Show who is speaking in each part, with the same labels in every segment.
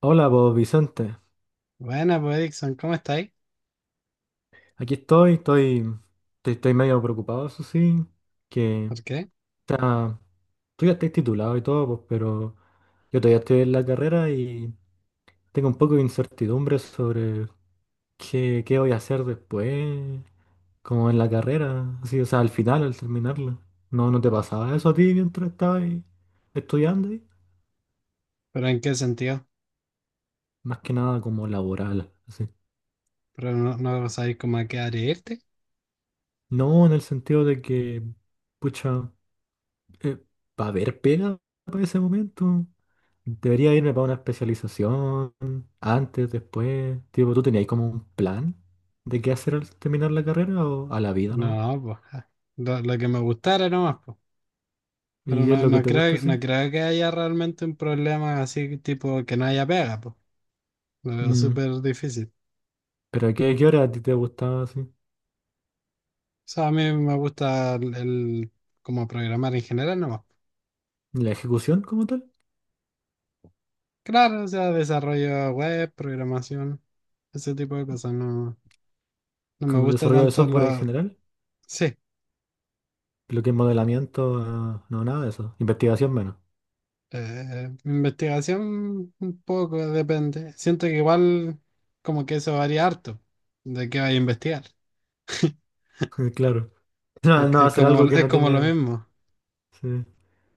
Speaker 1: Hola, vos Vicente.
Speaker 2: Buena, pues Dixon, ¿cómo estáis?
Speaker 1: Aquí estoy medio preocupado, eso sí, que
Speaker 2: ¿Por qué?
Speaker 1: está, tú ya estás titulado y todo, pues, pero yo todavía estoy en la carrera y tengo un poco de incertidumbre sobre qué voy a hacer después, como en la carrera, así, o sea, al final, al terminarla. No te pasaba eso a ti mientras estabas ahí estudiando ahí?
Speaker 2: ¿Pero en qué sentido?
Speaker 1: Más que nada como laboral, así.
Speaker 2: ¿Pero no sabéis cómo a qué área irte?
Speaker 1: No, en el sentido de que, pucha. Eh, ¿Va a haber pega para ese momento? ¿Debería irme para una especialización antes, después? Tipo, ¿tú tenías como un plan de qué hacer al terminar la carrera o a la vida, no?
Speaker 2: No, pues ja, lo que me gustara nomás, pues. Pero
Speaker 1: ¿Y qué es
Speaker 2: no,
Speaker 1: lo que
Speaker 2: no
Speaker 1: te gusta,
Speaker 2: creo, no
Speaker 1: sí?
Speaker 2: creo que haya realmente un problema así, tipo que no haya pega, pues. Lo veo
Speaker 1: Mm,
Speaker 2: súper difícil.
Speaker 1: ¿pero a qué hora a ti te gustaba, así?
Speaker 2: O sea, a mí me gusta como programar en general nomás.
Speaker 1: ¿La ejecución como tal?
Speaker 2: Claro, o sea, desarrollo web, programación, ese tipo de cosas. No, no me
Speaker 1: ¿Como
Speaker 2: gusta
Speaker 1: desarrollo de
Speaker 2: tanto
Speaker 1: software en
Speaker 2: lo…
Speaker 1: general?
Speaker 2: Sí.
Speaker 1: Lo que es modelamiento, ah, no, nada de eso. Investigación menos.
Speaker 2: Investigación un poco, depende. Siento que igual como que eso varía harto de qué vaya a investigar.
Speaker 1: Claro. No,
Speaker 2: Es,
Speaker 1: no
Speaker 2: es
Speaker 1: hacer
Speaker 2: como,
Speaker 1: algo que
Speaker 2: es
Speaker 1: no
Speaker 2: como lo
Speaker 1: tiene...
Speaker 2: mismo.
Speaker 1: Sí.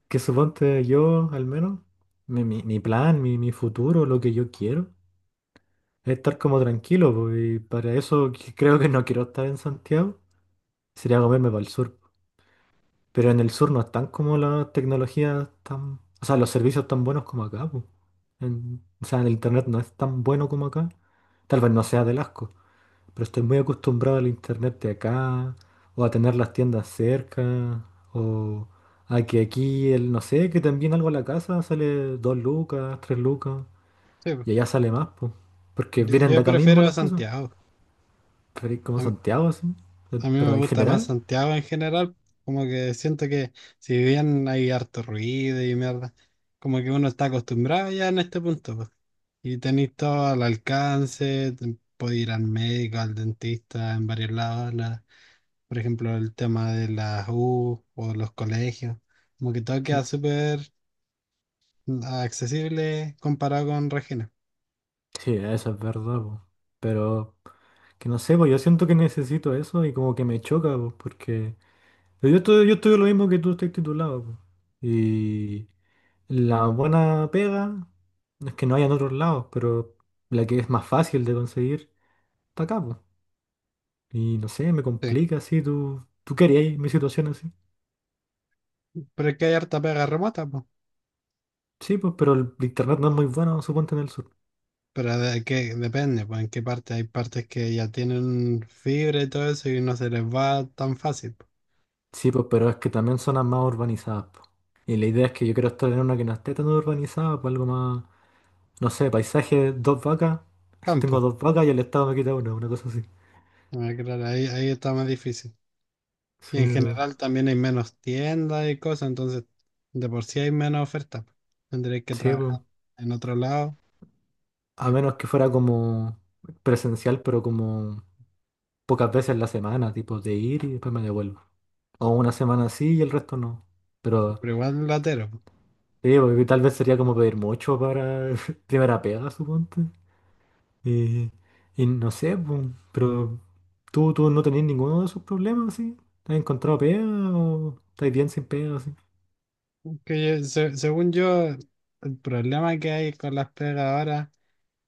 Speaker 1: Que suponte yo, al menos, mi plan, mi futuro, lo que yo quiero, es estar como tranquilo, po, y para eso creo que no quiero estar en Santiago, sería comerme para el sur. Pero en el sur no están como las tecnologías tan, o sea, los servicios tan buenos como acá, po. O sea, el internet no es tan bueno como acá. Tal vez no sea del asco, pero estoy muy acostumbrado al internet de acá, o a tener las tiendas cerca, o a que aquí, el, no sé, que también algo a la casa sale dos lucas, tres lucas,
Speaker 2: Sí, po.
Speaker 1: y allá sale más, pues. Porque
Speaker 2: yo,
Speaker 1: vienen de
Speaker 2: yo
Speaker 1: acá mismo
Speaker 2: prefiero a
Speaker 1: las cosas.
Speaker 2: Santiago.
Speaker 1: Pero es como
Speaker 2: A mí,
Speaker 1: Santiago, así.
Speaker 2: a mí me
Speaker 1: Pero en
Speaker 2: gusta más
Speaker 1: general,
Speaker 2: Santiago en general. Como que siento que si bien hay harto ruido y mierda, como que uno está acostumbrado ya en este punto, po. Y tenéis todo al alcance, podéis ir al médico, al dentista, en varios lados. Por ejemplo, el tema de las U o los colegios. Como que todo queda
Speaker 1: mm,
Speaker 2: súper accesible comparado con Regina.
Speaker 1: sí, eso es verdad, pues. Pero que no sé, pues yo siento que necesito eso y como que me choca, pues, porque yo estoy lo mismo que tú estás titulado, pues. Y. La buena pega es que no hay en otros lados, pero la que es más fácil de conseguir está acá, po. Y no sé, me
Speaker 2: Sí.
Speaker 1: complica así, tú querías mi situación así.
Speaker 2: Pero es que hay harta pega remota, pues.
Speaker 1: Sí, pues, pero el internet no es muy bueno, suponte en el sur.
Speaker 2: Pero de qué depende, pues en qué parte. Hay partes que ya tienen fibra y todo eso y no se les va tan fácil, po.
Speaker 1: Sí, pues, pero es que también zonas más urbanizadas, po. Y la idea es que yo quiero estar en una que no esté tan urbanizada, pues algo más, no sé, paisaje, dos vacas.
Speaker 2: Campo.
Speaker 1: Tengo dos vacas y el Estado me quita una cosa así.
Speaker 2: Ah, claro, ahí está más difícil. Y
Speaker 1: Sí,
Speaker 2: en
Speaker 1: pero,
Speaker 2: general también hay menos tiendas y cosas, entonces de por sí hay menos oferta, po. Tendréis que
Speaker 1: sí, pues.
Speaker 2: trabajar en otro lado,
Speaker 1: A
Speaker 2: y,
Speaker 1: menos que fuera como presencial, pero como pocas veces en la semana, tipo de ir y después me devuelvo. O una semana así y el resto no. Pero
Speaker 2: pero igual latero.
Speaker 1: sí, porque tal vez sería como pedir mucho para primera pega, suponte. Y, y no sé, pues, pero tú no tenés ninguno de esos problemas, ¿sí? ¿Has encontrado pega o estás bien sin pega, sí?
Speaker 2: Según yo, el problema que hay con las pegas ahora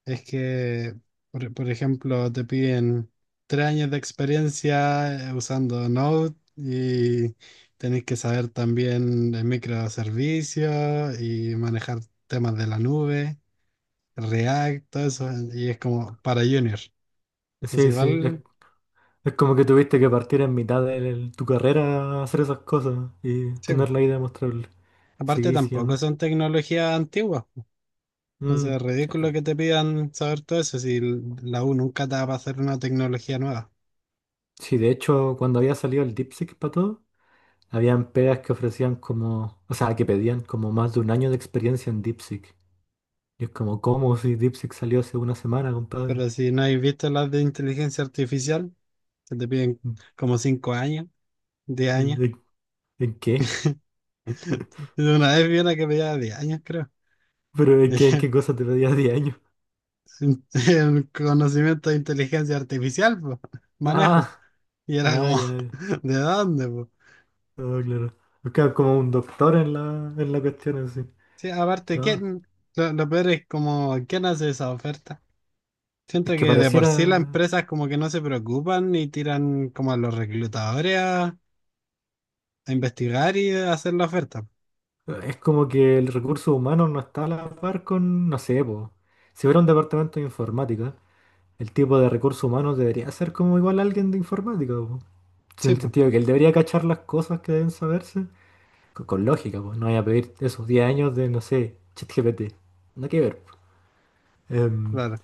Speaker 2: es que, por ejemplo, te piden 3 años de experiencia, usando Node, y tenés que saber también de microservicios y manejar temas de la nube, React, todo eso, y es como para junior. Así
Speaker 1: Sí, sí,
Speaker 2: igual,
Speaker 1: es como que tuviste que partir en mitad de tu carrera a hacer esas cosas y
Speaker 2: sí.
Speaker 1: tener la idea demostrable.
Speaker 2: Aparte
Speaker 1: Seguí
Speaker 2: tampoco
Speaker 1: siendo.
Speaker 2: son tecnologías antiguas. Entonces es
Speaker 1: Mm.
Speaker 2: ridículo
Speaker 1: eh,
Speaker 2: que te pidan saber todo eso si la U nunca te va a pasar una tecnología nueva.
Speaker 1: Sí, de hecho, cuando había salido el DeepSeek para todo, habían pegas que ofrecían como, o sea, que pedían como más de un año de experiencia en DeepSeek. Y es como, ¿cómo si DeepSeek salió hace una semana, compadre?
Speaker 2: Pero si no habéis visto las de inteligencia artificial, que te piden como 5 años, 10 años.
Speaker 1: ¿En, en qué?
Speaker 2: Una vez vi una que pedía 10 años, creo.
Speaker 1: ¿Pero en en
Speaker 2: Dije,
Speaker 1: qué cosa te pedía 10 años?
Speaker 2: el conocimiento de inteligencia artificial, po, manejo.
Speaker 1: Ah,
Speaker 2: Y era como,
Speaker 1: ya, ya.
Speaker 2: ¿de dónde, po?
Speaker 1: Ah, claro. Buscaba como un doctor en en la cuestión así.
Speaker 2: Sí, aparte,
Speaker 1: No,
Speaker 2: ¿quién? Lo peor es como, ¿quién hace esa oferta? Siento
Speaker 1: es que
Speaker 2: que de por sí las
Speaker 1: pareciera,
Speaker 2: empresas como que no se preocupan y tiran como a los reclutadores a investigar y a hacer la oferta.
Speaker 1: es como que el recurso humano no está a la par con, no sé, po. Si fuera un departamento de informática, el tipo de recursos humanos debería ser como igual a alguien de informática. Sí,
Speaker 2: Sí,
Speaker 1: en el
Speaker 2: pues,
Speaker 1: sentido de que él debería cachar las cosas que deben saberse. Con lógica, pues no voy a pedir esos 10 años de, no sé, ChatGPT. No que ver, pues. Em,
Speaker 2: claro.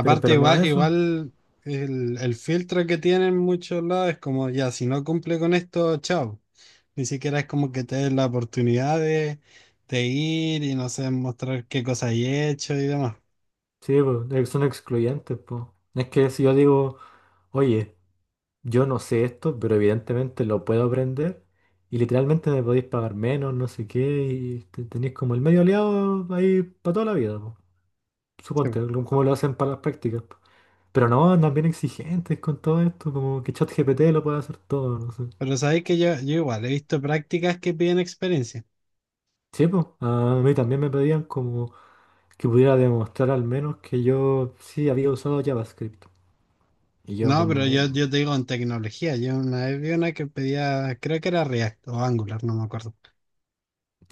Speaker 1: pero no
Speaker 2: igual,
Speaker 1: eso.
Speaker 2: igual el filtro que tienen muchos lados es como, ya, si no cumple con esto, chao. Ni siquiera es como que te den la oportunidad de ir y no sé, mostrar qué cosas he hecho y demás.
Speaker 1: Sí, pues, son excluyentes, pues. No. Es que si yo digo, oye, yo no sé esto, pero evidentemente lo puedo aprender. Y literalmente me podéis pagar menos, no sé qué, y tenéis como el medio aliado ahí para toda la vida, pues.
Speaker 2: Sí, pues.
Speaker 1: Suponte, como lo hacen para las prácticas, pues. Pero no, andan bien exigentes con todo esto, como que ChatGPT lo puede hacer todo, no sé.
Speaker 2: Pero sabéis que yo igual he visto prácticas que piden experiencia.
Speaker 1: Sí, pues, a mí también me pedían como que pudiera demostrar al menos que yo sí había usado JavaScript. Y yo
Speaker 2: No, pero yo,
Speaker 1: como,
Speaker 2: yo te digo en tecnología. Yo una vez vi una que pedía, creo que era React o Angular, no me acuerdo.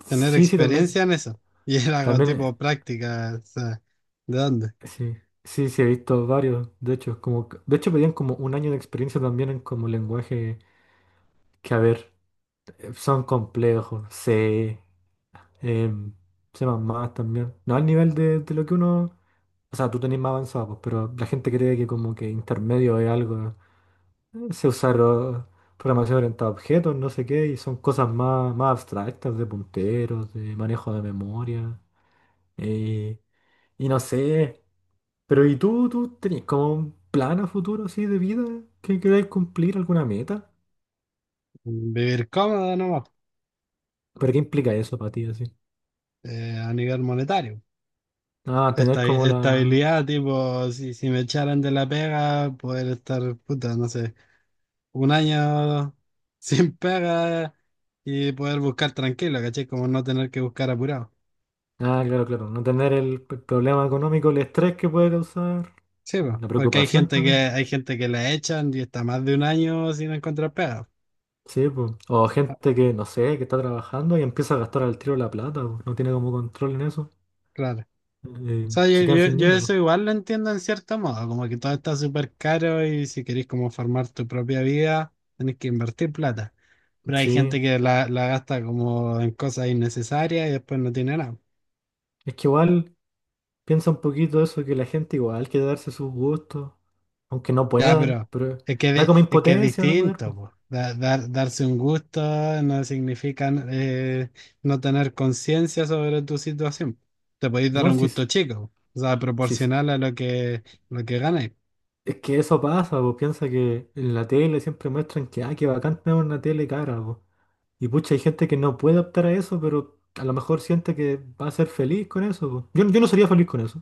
Speaker 2: Tener
Speaker 1: sí, sí, también,
Speaker 2: experiencia en eso. Y era algo
Speaker 1: también,
Speaker 2: tipo práctica. O sea, ¿de dónde?
Speaker 1: sí, sí, he visto varios, de hecho, como, de hecho pedían como un año de experiencia también en como lenguaje que, a ver, son complejos, C, em, C++ también, no al nivel de lo que uno, o sea, tú tenés más avanzado, pues, pero la gente cree que como que intermedio es algo se usaron programación orientada a objetos, no sé qué, y son cosas más, más abstractas, de punteros, de manejo de memoria, eh, y no sé. Pero ¿y tú tenías como un plan a futuro así de vida? ¿Que queráis cumplir alguna meta?
Speaker 2: Vivir cómodo nomás,
Speaker 1: ¿Pero qué implica eso para ti así?
Speaker 2: a nivel monetario.
Speaker 1: Ah, tener como la...
Speaker 2: Estabilidad, tipo, si, si me echaran de la pega, poder estar, puta, no sé, un año sin pega y poder buscar tranquilo, ¿cachai? Como no tener que buscar apurado.
Speaker 1: Ah, claro, claro, no tener el, problema económico, el estrés que puede causar,
Speaker 2: Sí, po,
Speaker 1: la
Speaker 2: porque
Speaker 1: preocupación también, po.
Speaker 2: hay gente que la echan y está más de un año sin encontrar pega.
Speaker 1: Sí, pues. O
Speaker 2: Ah,
Speaker 1: gente que, no sé, que está trabajando y empieza a gastar al tiro la plata, po, no tiene como control en eso.
Speaker 2: claro. O sea, yo,
Speaker 1: Se quedan
Speaker 2: yo-
Speaker 1: sin ni
Speaker 2: yo
Speaker 1: uno,
Speaker 2: eso
Speaker 1: po.
Speaker 2: igual lo entiendo en cierto modo, como que todo está súper caro y si querés como formar tu propia vida, tenés que invertir plata. Pero hay
Speaker 1: Sí,
Speaker 2: gente que la gasta como en cosas innecesarias y después no tiene nada.
Speaker 1: es que igual piensa un poquito eso, que la gente igual quiere darse sus gustos, aunque no
Speaker 2: Ya,
Speaker 1: puedan,
Speaker 2: pero
Speaker 1: pero
Speaker 2: es que,
Speaker 1: da como
Speaker 2: es que es
Speaker 1: impotencia no poder,
Speaker 2: distinto,
Speaker 1: po.
Speaker 2: po. Darse un gusto no significa, no tener conciencia sobre tu situación. Te podéis dar
Speaker 1: No,
Speaker 2: un
Speaker 1: si,
Speaker 2: gusto
Speaker 1: s-
Speaker 2: chico, o sea,
Speaker 1: si, s-
Speaker 2: proporcional a lo que ganáis.
Speaker 1: Es que eso pasa, pues piensa que en la tele siempre muestran que, ah, qué bacán tener una tele cara, po. Y pucha, hay gente que no puede optar a eso, pero a lo mejor siente que va a ser feliz con eso, po. Yo no sería feliz con eso,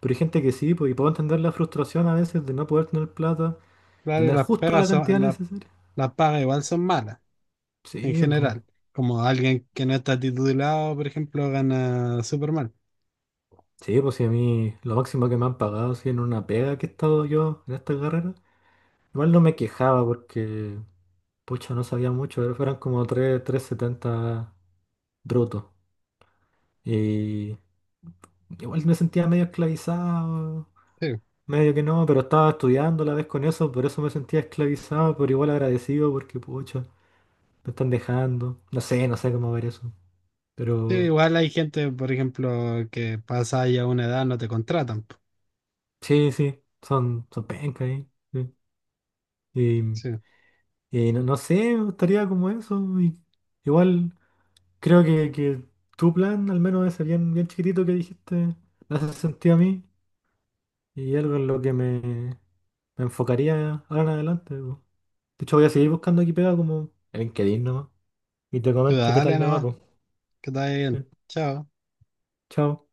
Speaker 1: pero hay gente que sí, pues, y puedo entender la frustración a veces de no poder tener plata,
Speaker 2: Claro, y
Speaker 1: tener
Speaker 2: las
Speaker 1: justo
Speaker 2: pegas
Speaker 1: la
Speaker 2: son,
Speaker 1: cantidad necesaria.
Speaker 2: las pagas igual son malas, en
Speaker 1: Sí, pues.
Speaker 2: general. Como alguien que no está titulado, por ejemplo, gana súper mal.
Speaker 1: Sí, pues si a mí lo máximo que me han pagado, si en una pega que he estado yo en esta carrera, igual no me quejaba porque, pucha, no sabía mucho, pero fueron como 370 brutos. Y igual me sentía medio esclavizado,
Speaker 2: Sí.
Speaker 1: medio que no, pero estaba estudiando a la vez con eso, por eso me sentía esclavizado, pero igual agradecido porque, pucha, me están dejando. No sé, no sé cómo ver eso.
Speaker 2: Sí,
Speaker 1: Pero
Speaker 2: igual hay gente, por ejemplo, que pasa ya una edad, no te contratan, po.
Speaker 1: sí, sí, son pencas ahí. Sí.
Speaker 2: Sí.
Speaker 1: Y no, no sé, me gustaría como eso. Y igual creo que tu plan, al menos ese bien chiquitito que dijiste, me hace sentido a mí y algo en lo que me enfocaría ahora en adelante, po. De hecho, voy a seguir buscando aquí pegado como en LinkedIn nomás. Y te
Speaker 2: Tú
Speaker 1: comento qué
Speaker 2: dale
Speaker 1: tal me va,
Speaker 2: nomás,
Speaker 1: pues.
Speaker 2: que te vaya bien. Chao.
Speaker 1: Chao.